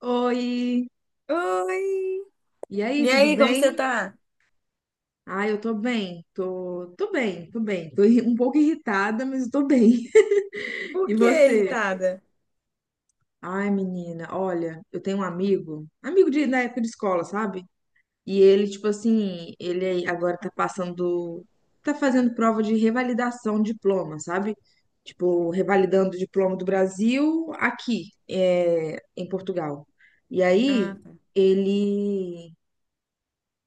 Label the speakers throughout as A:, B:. A: Oi,
B: Oi!
A: e aí,
B: E
A: tudo
B: aí, como você
A: bem?
B: tá?
A: Ah, eu tô bem, tô bem, tô bem. Um pouco irritada, mas eu tô bem.
B: Por
A: E
B: que
A: você?
B: irritada?
A: Ai, menina, olha, eu tenho um amigo da época de escola, sabe? E ele, tipo assim, ele agora tá fazendo prova de revalidação de diploma, sabe? Tipo, revalidando o diploma do Brasil aqui, em Portugal. E aí,
B: Ah, tá.
A: ele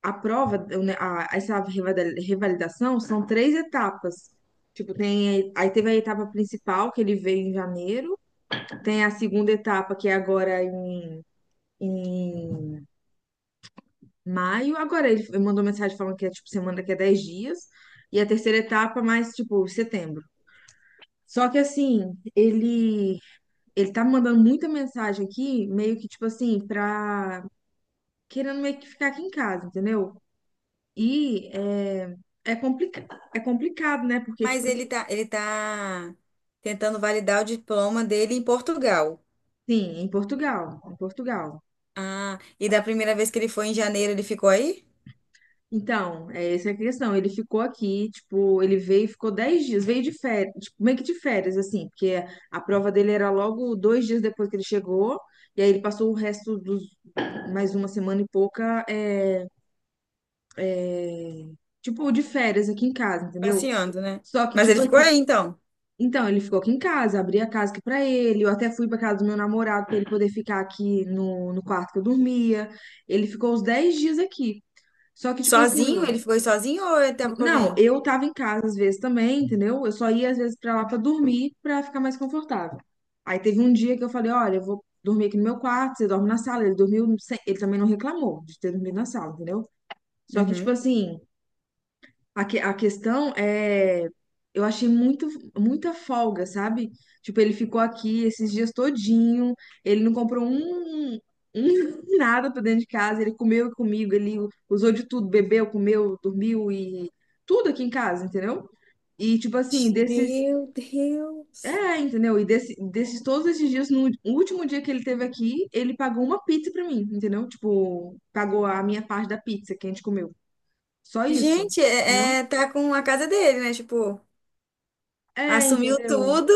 A: a prova, né, essa revalidação são três etapas. Tipo, aí teve a etapa principal, que ele veio em janeiro, tem a segunda etapa, que é agora em maio. Agora ele mandou mensagem falando que é tipo semana que é 10 dias, e a terceira etapa mais tipo setembro. Só que assim, ele tá mandando muita mensagem aqui, meio que tipo assim, pra querendo meio que ficar aqui em casa, entendeu? E é, é, complica é complicado, né? Porque, tipo
B: Mas
A: assim,
B: ele tá tentando validar o diploma dele em Portugal.
A: em Portugal.
B: Ah, e da primeira vez que ele foi em janeiro, ele ficou aí?
A: Então, essa é a questão. Ele ficou aqui, tipo, ele veio, e ficou 10 dias, veio de férias, tipo, meio que de férias, assim, porque a prova dele era logo 2 dias depois que ele chegou, e aí ele passou o resto dos mais uma semana e pouca, tipo, de férias aqui em casa, entendeu?
B: Passeando, né?
A: Só que,
B: Mas
A: tipo,
B: ele ficou
A: assim.
B: aí, então.
A: Então, ele ficou aqui em casa, abri a casa aqui pra ele. Eu até fui pra casa do meu namorado pra ele poder ficar aqui no quarto que eu dormia. Ele ficou uns 10 dias aqui. Só que, tipo assim,
B: Sozinho? Ele ficou aí sozinho ou ele tava com
A: não,
B: alguém?
A: eu tava em casa às vezes também, entendeu? Eu só ia às vezes pra lá pra dormir, pra ficar mais confortável. Aí teve um dia que eu falei: olha, eu vou dormir aqui no meu quarto, você dorme na sala. Ele dormiu, ele também não reclamou de ter dormido na sala, entendeu? Só que, tipo
B: Uhum.
A: assim. A questão é, eu achei muito, muita folga, sabe? Tipo, ele ficou aqui esses dias todinho, ele não comprou nada pra dentro de casa, ele comeu comigo, ele usou de tudo, bebeu, comeu, dormiu e tudo aqui em casa, entendeu? E tipo assim, desses,
B: Meu Deus!
A: entendeu? E desses todos esses dias, no último dia que ele teve aqui, ele pagou uma pizza pra mim, entendeu? Tipo, pagou a minha parte da pizza que a gente comeu. Só isso,
B: Gente,
A: entendeu?
B: tá com a casa dele, né? Tipo,
A: É,
B: assumiu
A: entendeu?
B: tudo.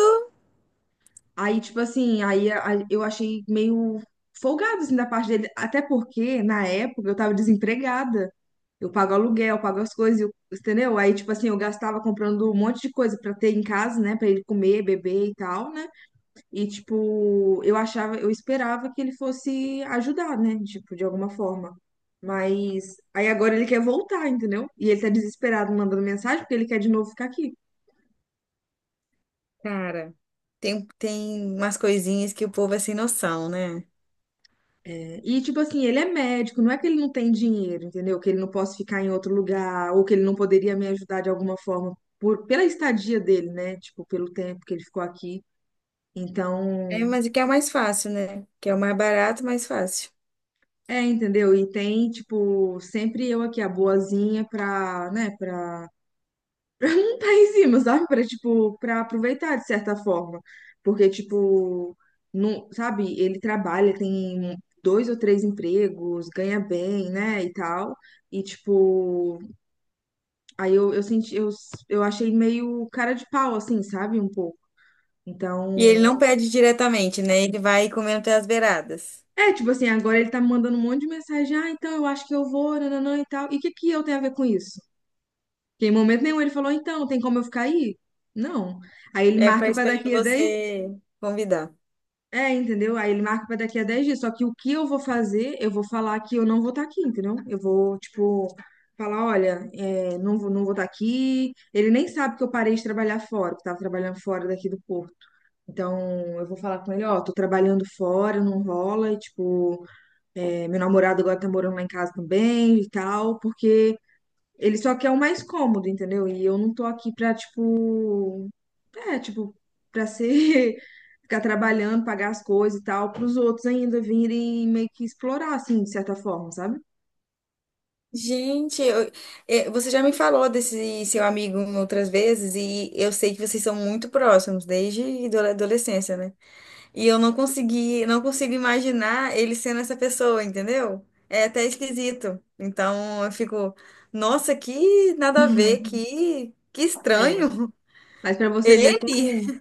A: Aí, tipo assim, eu achei meio folgado, assim, da parte dele. Até porque, na época, eu tava desempregada. Eu pago aluguel, eu pago as coisas, entendeu? Aí, tipo assim, eu gastava comprando um monte de coisa pra ter em casa, né? Pra ele comer, beber e tal, né? E, tipo, eu esperava que ele fosse ajudar, né? Tipo, de alguma forma. Mas aí agora ele quer voltar, entendeu? E ele tá desesperado mandando mensagem porque ele quer de novo ficar aqui.
B: Cara, tem umas coisinhas que o povo é sem noção, né?
A: E, tipo assim, ele é médico, não é que ele não tem dinheiro, entendeu? Que ele não possa ficar em outro lugar, ou que ele não poderia me ajudar de alguma forma pela estadia dele, né? Tipo, pelo tempo que ele ficou aqui.
B: É,
A: Então,
B: mas o que é o mais fácil, né? Que é o mais barato, mais fácil.
A: entendeu? E tem, tipo, sempre eu aqui, a boazinha, pra, né, pra não tá em cima, sabe? Pra, tipo, pra aproveitar de certa forma. Porque, tipo, não, sabe, ele trabalha, tem dois ou três empregos, ganha bem, né, e tal. E, tipo, aí eu achei meio cara de pau, assim, sabe? Um pouco.
B: E ele
A: Então,
B: não pede diretamente, né? Ele vai comendo até as beiradas.
A: tipo assim, agora ele tá me mandando um monte de mensagem, ah, então eu acho que eu vou, nananã e tal. E o que que eu tenho a ver com isso? Porque em momento nenhum ele falou, então, tem como eu ficar aí? Não. Aí ele
B: É para
A: marca pra
B: esperando
A: daqui a 10
B: você convidar.
A: é, Entendeu? Aí ele marca pra daqui a 10 dias, só que o que eu vou fazer, eu vou falar que eu não vou estar aqui, entendeu? Eu vou, tipo, falar, olha, não vou estar aqui. Ele nem sabe que eu parei de trabalhar fora, que eu tava trabalhando fora daqui do Porto. Então, eu vou falar com ele, ó, tô trabalhando fora, não rola, e, tipo, meu namorado agora tá morando lá em casa também e tal, porque ele só quer o mais cômodo, entendeu? E eu não tô aqui pra, tipo, tipo, pra ser, ficar trabalhando, pagar as coisas e tal, pros outros ainda virem meio que explorar, assim, de certa forma, sabe?
B: Gente, eu- é, você já me falou desse seu amigo outras vezes e eu sei que vocês são muito próximos desde adolescência, né? E eu não consegui, não consigo imaginar ele sendo essa pessoa, entendeu? É até esquisito. Então eu fico, nossa, que nada a ver,
A: Uhum.
B: que
A: É,
B: estranho.
A: mas pra você ver
B: Ele?
A: como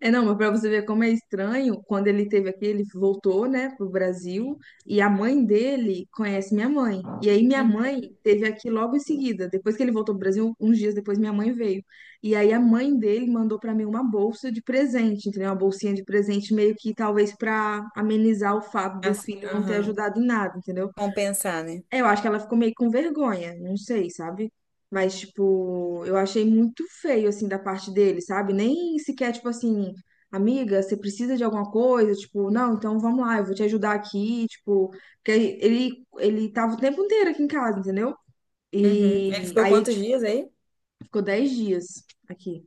A: É, não, mas para você ver como é estranho, quando ele teve aqui, ele voltou, né, pro Brasil, e a mãe dele conhece minha mãe. E aí minha
B: Uhum.
A: mãe teve aqui logo em seguida, depois que ele voltou pro Brasil, uns dias depois minha mãe veio. E aí a mãe dele mandou para mim uma bolsa de presente, entendeu? Uma bolsinha de presente meio que talvez para amenizar o fato do
B: Assim,
A: filho não ter
B: aham.
A: ajudado em nada, entendeu?
B: Compensar, né?
A: Eu acho que ela ficou meio com vergonha, não sei, sabe? Mas, tipo, eu achei muito feio, assim, da parte dele, sabe? Nem sequer, tipo assim, amiga, você precisa de alguma coisa? Tipo, não, então vamos lá, eu vou te ajudar aqui, tipo, porque ele tava o tempo inteiro aqui em casa, entendeu?
B: Uhum. Ele
A: E
B: ficou
A: aí,
B: quantos
A: tipo,
B: dias aí?
A: ficou 10 dias aqui.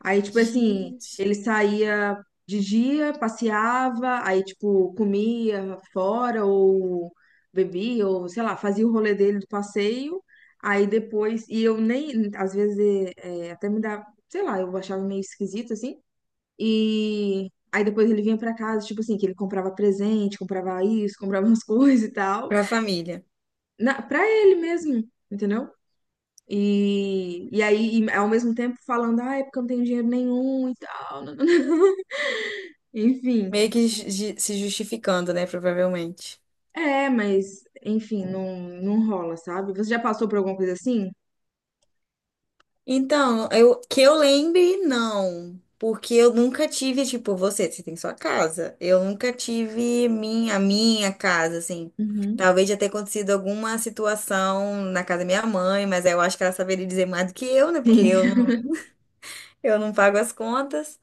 A: Aí, tipo assim,
B: Gente.
A: ele saía de dia, passeava, aí, tipo, comia fora ou bebia, ou sei lá, fazia o rolê dele do passeio. Aí depois, e eu nem, às vezes, até me dá, sei lá, eu achava meio esquisito assim. E aí depois ele vinha pra casa, tipo assim, que ele comprava presente, comprava isso, comprava umas coisas e tal,
B: Pra família.
A: pra ele mesmo, entendeu? E, e ao mesmo tempo, falando, ah, é porque eu não tenho dinheiro nenhum e tal. Enfim,
B: Meio
A: tipo,
B: que se justificando, né? Provavelmente.
A: mas, enfim, não, não rola, sabe? Você já passou por alguma coisa assim?
B: Então, eu, que eu lembre, não. Porque eu nunca tive, tipo, você tem sua casa. Eu nunca tive minha, a minha casa, assim.
A: Uhum.
B: Talvez já tenha acontecido alguma situação na casa da minha mãe, mas aí eu acho que ela saberia dizer mais do que eu, né? Porque
A: Sim.
B: eu não pago as contas.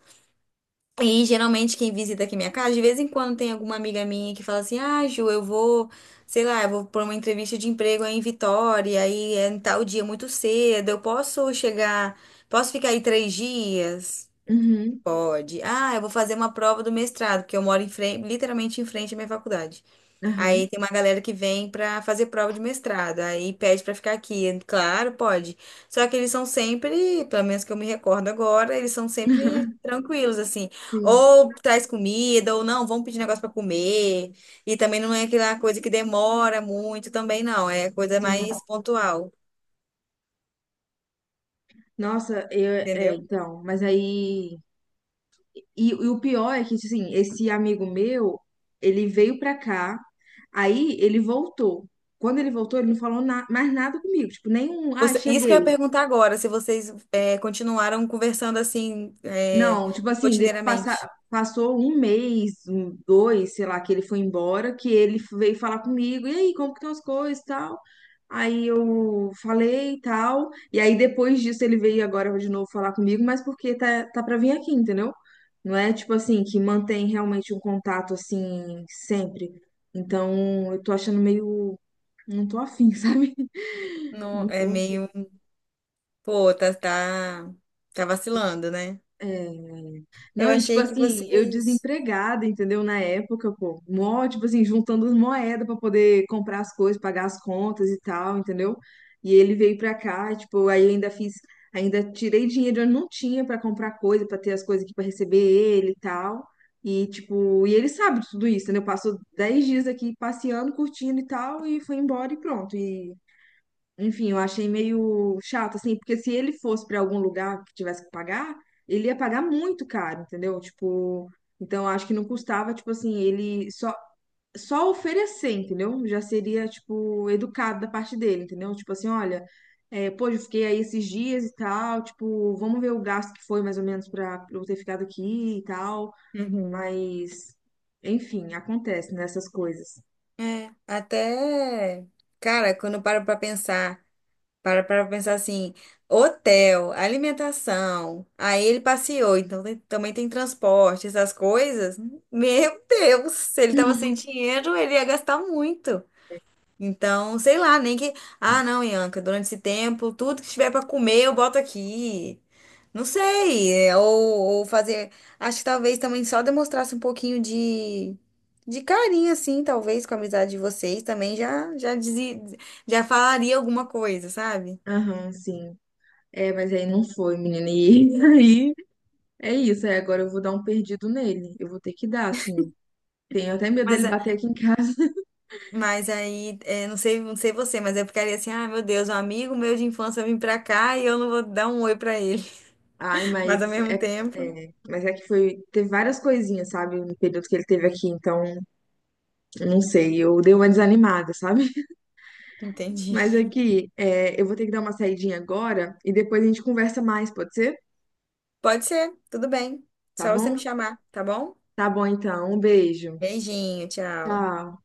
B: E geralmente quem visita aqui minha casa, de vez em quando tem alguma amiga minha que fala assim: ah, Ju, sei lá, eu vou por uma entrevista de emprego aí em Vitória, aí é em tal dia muito cedo, eu posso chegar, posso ficar aí três dias?
A: Uhum.
B: Pode. Ah, eu vou fazer uma prova do mestrado, porque eu moro em frente, literalmente em frente à minha faculdade. Aí
A: Aham.
B: tem uma galera que vem pra fazer prova de mestrado, aí pede pra ficar aqui. Claro, pode. Só que eles são sempre, pelo menos que eu me recordo agora, eles são sempre tranquilos, assim.
A: Sim,
B: Ou traz comida, ou não, vamos pedir negócio pra comer. E também não é aquela coisa que demora muito, também não. É coisa
A: sim.
B: mais pontual,
A: Nossa, eu,
B: entendeu?
A: então, mas aí. E o pior é que, tipo assim, esse amigo meu, ele veio pra cá, aí ele voltou. Quando ele voltou, ele não falou mais nada comigo, tipo, nenhum, ah,
B: Isso que eu
A: cheguei.
B: ia perguntar agora, se vocês continuaram conversando assim, é,
A: Não, tipo assim,
B: rotineiramente.
A: passou um mês, dois, sei lá, que ele foi embora, que ele veio falar comigo, e aí, como que estão as coisas e tal? Aí eu falei e tal, e aí depois disso ele veio agora de novo falar comigo, mas porque tá pra vir aqui, entendeu? Não é tipo assim, que mantém realmente um contato assim, sempre. Então, eu tô achando meio, não tô afim, sabe?
B: Não,
A: Não
B: é
A: tô
B: meio. Pô, tá vacilando, né? Eu
A: Não, e tipo
B: achei que
A: assim, eu
B: vocês.
A: desempregada, entendeu? Na época, pô, mó, tipo assim, juntando as moedas pra poder comprar as coisas, pagar as contas e tal, entendeu? E ele veio pra cá, e, tipo, aí ainda tirei dinheiro, eu não tinha pra comprar coisa, pra ter as coisas aqui pra receber ele e tal. E tipo, e ele sabe de tudo isso, entendeu? Passou 10 dias aqui passeando, curtindo e tal, e foi embora e pronto. E enfim, eu achei meio chato, assim, porque se ele fosse para algum lugar que tivesse que pagar, ele ia pagar muito caro, entendeu? Tipo, então acho que não custava, tipo assim, ele só oferecer, entendeu? Já seria, tipo, educado da parte dele, entendeu? Tipo assim, olha, pô, eu fiquei aí esses dias e tal, tipo, vamos ver o gasto que foi mais ou menos para eu ter ficado aqui e tal,
B: Uhum.
A: mas, enfim, acontece nessas coisas.
B: É, até. Cara, quando eu paro pra pensar, para pra pensar assim: hotel, alimentação, aí ele passeou, então também tem transporte, essas coisas. Meu Deus, se ele tava sem dinheiro, ele ia gastar muito. Então, sei lá, nem que. Ah, não, Ianca, durante esse tempo, tudo que tiver pra comer eu boto aqui. Não sei. Ou fazer. Acho que talvez também só demonstrasse um pouquinho de. De carinho, assim, talvez, com a amizade de vocês também já dizia, já falaria alguma coisa, sabe?
A: Aham, sim. É, mas aí não foi, menina. E aí é isso, aí agora eu vou dar um perdido nele. Eu vou ter que dar, assim. Tenho até medo dele
B: Mas, a-
A: bater aqui em casa.
B: mas aí, é, não sei, não sei você, mas eu ficaria assim, ah, meu Deus, um amigo meu de infância vem pra cá e eu não vou dar um oi pra ele.
A: Ai, mas
B: Mas ao mesmo
A: é,
B: tempo,
A: é, mas é que foi. Teve várias coisinhas, sabe? No período que ele teve aqui, então, não sei. Eu dei uma desanimada, sabe?
B: entendi.
A: Mas aqui, eu vou ter que dar uma saidinha agora e depois a gente conversa mais, pode ser?
B: Pode ser, tudo bem.
A: Tá
B: Só você me
A: bom?
B: chamar, tá bom?
A: Tá bom, então. Um beijo.
B: Beijinho, tchau.
A: Tchau.